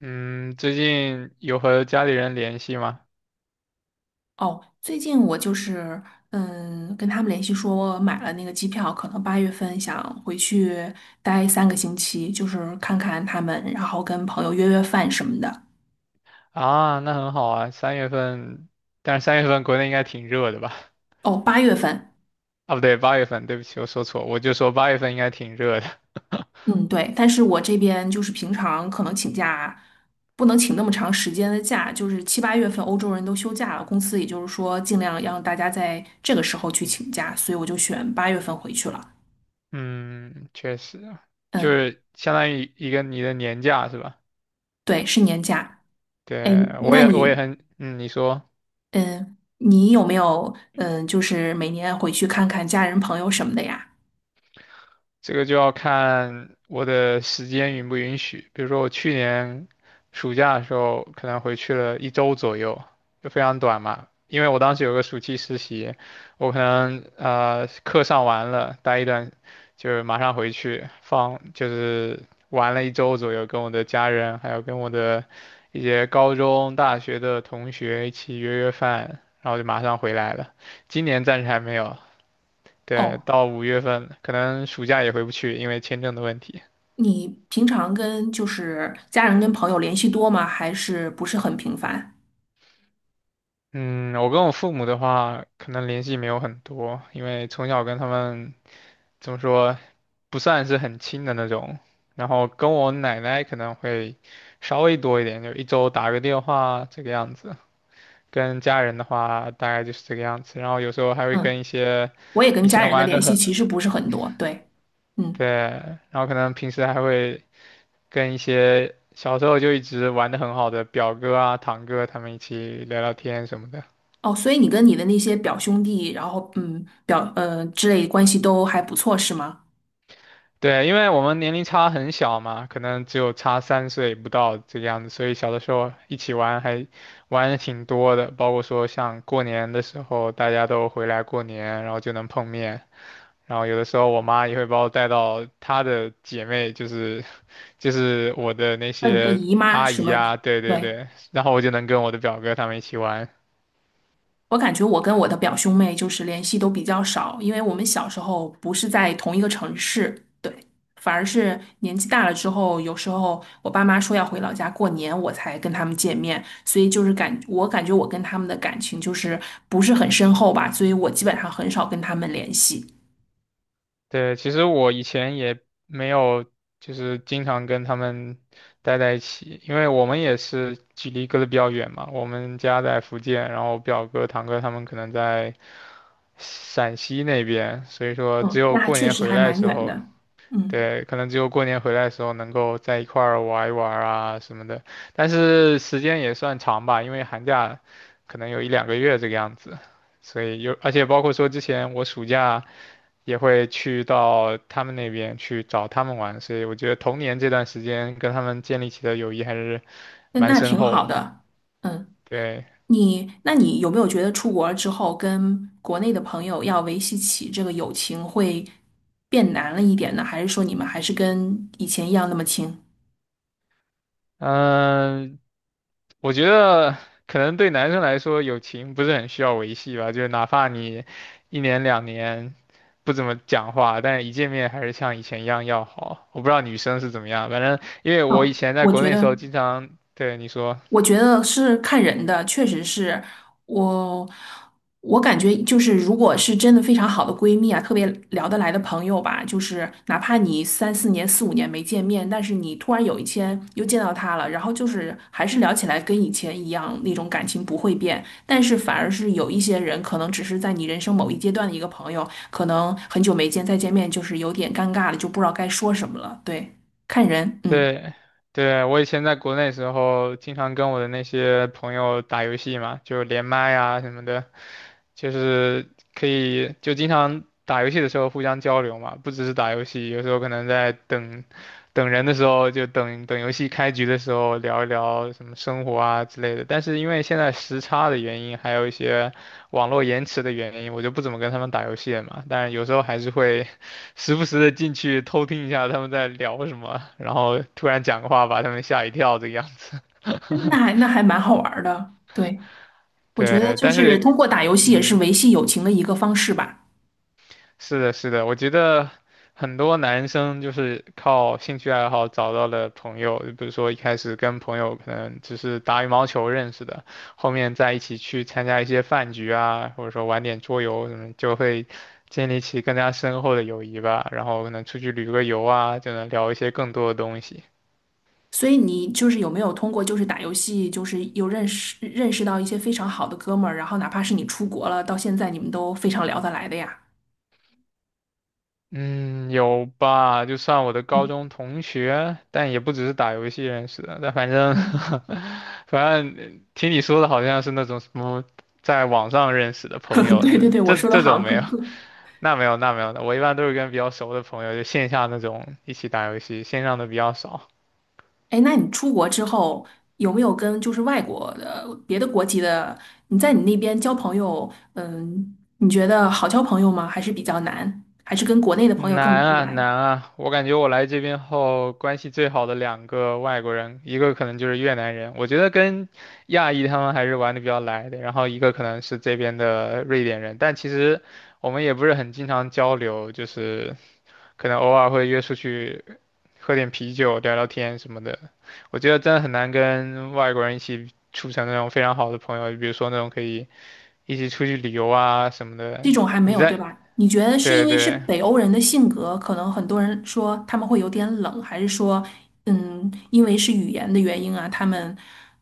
嗯，最近有和家里人联系吗？哦，最近我就是跟他们联系说，我买了那个机票，可能八月份想回去待3个星期，就是看看他们，然后跟朋友约约饭什么的。啊，那很好啊，三月份，但是三月份国内应该挺热的吧？哦，八月份，啊，不对，八月份，对不起，我说错，我就说八月份应该挺热的。嗯，对，但是我这边就是平常可能请假不能请那么长时间的假，就是七八月份欧洲人都休假了，公司也就是说尽量让大家在这个时候去请假，所以我就选八月份回去了。嗯，确实，就嗯，是相当于一个你的年假是吧？对，是年假。哎，对，我那也我也你？很，嗯，你说。嗯，你有没有就是每年回去看看家人、朋友什么的呀？这个就要看我的时间允不允许。比如说我去年暑假的时候，可能回去了一周左右，就非常短嘛。因为我当时有个暑期实习，我可能课上完了，待一段就是马上回去放，就是玩了一周左右，跟我的家人还有跟我的一些高中、大学的同学一起约约饭，然后就马上回来了。今年暂时还没有，对，哦，到5月份，可能暑假也回不去，因为签证的问题。你平常跟就是家人跟朋友联系多吗？还是不是很频繁？嗯，我跟我父母的话，可能联系没有很多，因为从小跟他们怎么说，不算是很亲的那种。然后跟我奶奶可能会稍微多一点，就一周打个电话这个样子。跟家人的话，大概就是这个样子。然后有时候还会嗯，跟一些我也跟以家前人的玩联的系其很，实不是很多，对，嗯，对，然后可能平时还会跟一些小时候就一直玩的很好的表哥啊、堂哥他们一起聊聊天什么的。哦，所以你跟你的那些表兄弟，然后表之类关系都还不错是吗？对，因为我们年龄差很小嘛，可能只有差3岁不到这个样子，所以小的时候一起玩还玩的挺多的，包括说像过年的时候大家都回来过年，然后就能碰面。然后有的时候我妈也会把我带到她的姐妹，就是就是我的那那你的些姨妈阿什姨么？啊，对对对，对，然后我就能跟我的表哥他们一起玩。我感觉我跟我的表兄妹就是联系都比较少，因为我们小时候不是在同一个城市，对，反而是年纪大了之后，有时候我爸妈说要回老家过年，我才跟他们见面，所以就是我感觉我跟他们的感情就是不是很深厚吧，所以我基本上很少跟他们联系。对，其实我以前也没有，就是经常跟他们待在一起，因为我们也是距离隔得比较远嘛。我们家在福建，然后表哥、堂哥他们可能在陕西那边，所以说只嗯，那有还过确年实回还来的蛮时远候，的。嗯，对，可能只有过年回来的时候能够在一块儿玩一玩啊什么的。但是时间也算长吧，因为寒假可能有一两个月这个样子，所以有，而且包括说之前我暑假。也会去到他们那边去找他们玩，所以我觉得童年这段时间跟他们建立起的友谊还是那蛮那深挺厚好的。的。嗯。对，你，那你有没有觉得出国了之后，跟国内的朋友要维系起这个友情会变难了一点呢？还是说你们还是跟以前一样那么亲？嗯，我觉得可能对男生来说，友情不是很需要维系吧，就是哪怕你一年两年不怎么讲话，但是一见面还是像以前一样要好。我不知道女生是怎么样，反正因为我以哦，前在国内的时候，经常，对，你说。我觉得是看人的，确实是我，我感觉就是，如果是真的非常好的闺蜜啊，特别聊得来的朋友吧，就是哪怕你3、4年、4、5年没见面，但是你突然有一天又见到她了，然后就是还是聊起来跟以前一样，那种感情不会变，但是反而是有一些人可能只是在你人生某一阶段的一个朋友，可能很久没见，再见面就是有点尴尬了，就不知道该说什么了。对，看人，嗯，对，对，我以前在国内时候，经常跟我的那些朋友打游戏嘛，就连麦啊什么的，就是可以就经常打游戏的时候互相交流嘛，不只是打游戏，有时候可能在等等人的时候，就等等游戏开局的时候聊一聊什么生活啊之类的。但是因为现在时差的原因，还有一些。网络延迟的原因，我就不怎么跟他们打游戏了嘛。但有时候还是会 时不时的进去偷听一下他们在聊什么，然后突然讲个话把他们吓一跳这个样子。那还还蛮好玩儿的，对。我觉得对，就但是是通过打游戏也是嗯，维系友情的一个方式吧。是的，是的，我觉得很多男生就是靠兴趣爱好找到了朋友，比如说一开始跟朋友可能只是打羽毛球认识的，后面在一起去参加一些饭局啊，或者说玩点桌游什么，就会建立起更加深厚的友谊吧。然后可能出去旅个游啊，就能聊一些更多的东西。所以你就是有没有通过就是打游戏，就是有认识到一些非常好的哥们儿，然后哪怕是你出国了，到现在你们都非常聊得来的呀。嗯，有吧，就算我的高嗯，中同学，但也不只是打游戏认识的。但反正，嗯，反正听你说的好像是那种什么在网上认识的朋 友，对对对，我这这说的这好种像没有，更。那没有的。我一般都是跟比较熟的朋友，就线下那种一起打游戏，线上的比较少。哎，那你出国之后有没有跟就是外国的别的国籍的，你在你那边交朋友，嗯，你觉得好交朋友吗？还是比较难？还是跟国内的朋友更难聊得啊来？难啊！我感觉我来这边后，关系最好的2个外国人，一个可能就是越南人，我觉得跟亚裔他们还是玩的比较来的，然后一个可能是这边的瑞典人，但其实我们也不是很经常交流，就是可能偶尔会约出去喝点啤酒、聊聊天什么的。我觉得真的很难跟外国人一起处成那种非常好的朋友，比如说那种可以一起出去旅游啊什么的。这种还没你有，对在，吧？你觉得是因对为是对。北欧人的性格，可能很多人说他们会有点冷，还是说，嗯，因为是语言的原因啊，他们，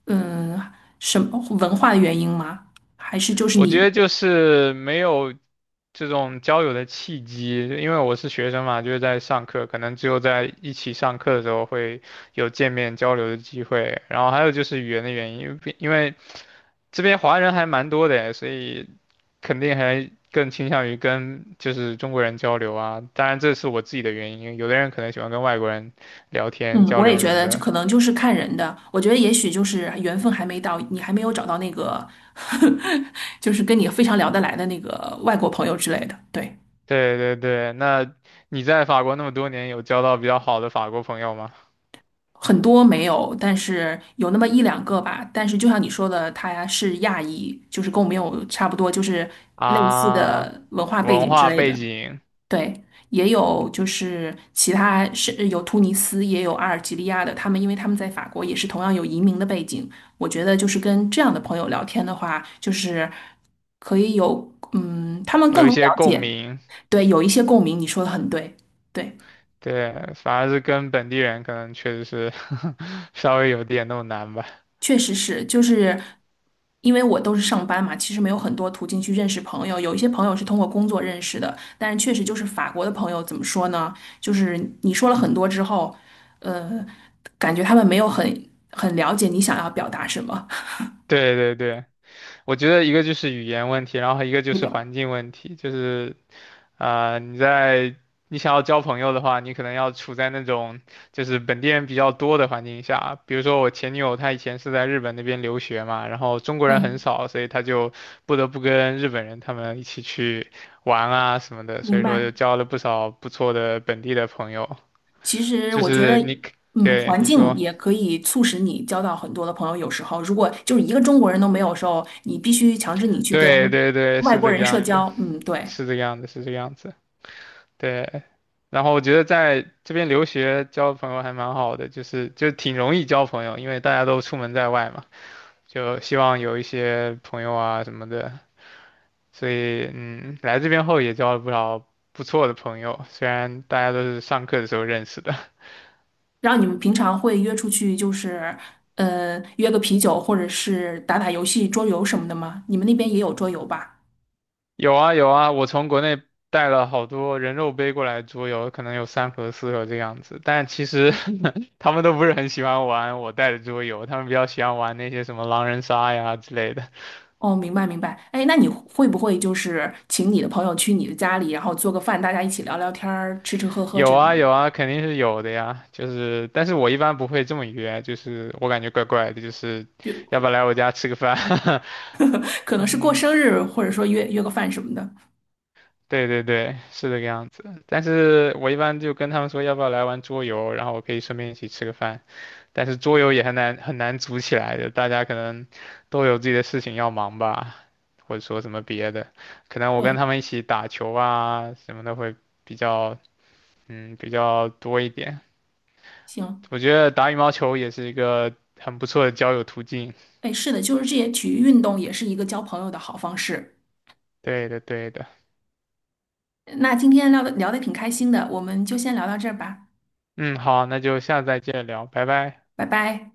嗯，什么文化的原因吗？还是就是我你，觉得就是没有这种交友的契机，因为我是学生嘛，就是在上课，可能只有在一起上课的时候会有见面交流的机会。然后还有就是语言的原因，因为这边华人还蛮多的，所以肯定还更倾向于跟就是中国人交流啊。当然这是我自己的原因，有的人可能喜欢跟外国人聊天嗯，交我也流什觉么得就的。可能就是看人的。我觉得也许就是缘分还没到，你还没有找到那个，就是跟你非常聊得来的那个外国朋友之类的。对。对对对，那你在法国那么多年，有交到比较好的法国朋友吗？很多没有，但是有那么1、2个吧。但是就像你说的，他是亚裔，就是跟我们有差不多，就是类似啊。的文化背文景之化类背的。景对，也有就是其他是有突尼斯，也有阿尔及利亚的，他们因为他们在法国也是同样有移民的背景。我觉得就是跟这样的朋友聊天的话，就是可以有，嗯，他们更有一能些了共解，鸣，对，有一些共鸣。你说的很对，对。对，反而是跟本地人可能确实是 稍微有点那么难吧。确实是，就是因为我都是上班嘛，其实没有很多途径去认识朋友。有一些朋友是通过工作认识的，但是确实就是法国的朋友怎么说呢？就是你说了很多之后，呃，感觉他们没有很了解你想要表达什么。对对对，我觉得一个就是语言问题，然后一个就对是的，环境问题，就是啊、你在你想要交朋友的话，你可能要处在那种就是本地人比较多的环境下。比如说我前女友，她以前是在日本那边留学嘛，然后中国人很嗯，少，所以她就不得不跟日本人他们一起去玩啊什么的，所明以说白。就交了不少不错的本地的朋友。其实就我觉得，是你嗯，对，环你境说，也可以促使你交到很多的朋友。有时候，如果就是一个中国人都没有的时候，你必须强制你去跟对对对，外是国这个人社样子，交。嗯，对。是这个样子，是这个样子。对，然后我觉得在这边留学交朋友还蛮好的，就是就挺容易交朋友，因为大家都出门在外嘛，就希望有一些朋友啊什么的，所以嗯，来这边后也交了不少不错的朋友，虽然大家都是上课的时候认识的。然后你们平常会约出去，就是约个啤酒，或者是打打游戏、桌游什么的吗？你们那边也有桌游吧？有啊有啊，我从国内带了好多人肉背过来桌游，可能有3盒4盒这样子，但其实 他们都不是很喜欢玩我带的桌游，他们比较喜欢玩那些什么狼人杀呀之类的。哦，明白明白。哎，那你会不会就是请你的朋友去你的家里，然后做个饭，大家一起聊聊天儿、吃吃喝喝有之类啊的？有啊，肯定是有的呀。就是，但是我一般不会这么约，就是我感觉怪怪的，就是要不要就来我家吃个饭？可能是过嗯，生日，或者说约约个饭什么的。对对对，是这个样子。但是我一般就跟他们说要不要来玩桌游，然后我可以顺便一起吃个饭。但是桌游也很难很难组起来的，大家可能都有自己的事情要忙吧，或者说什么别的。可能我跟对，他们一起打球啊什么的会比较嗯比较多一点。行，我觉得打羽毛球也是一个很不错的交友途径。哎，是的，就是这些体育运动也是一个交朋友的好方式。对的，对的。那今天聊的挺开心的，我们就先聊到这儿吧，嗯，好，那就下次再见聊，拜拜。拜拜。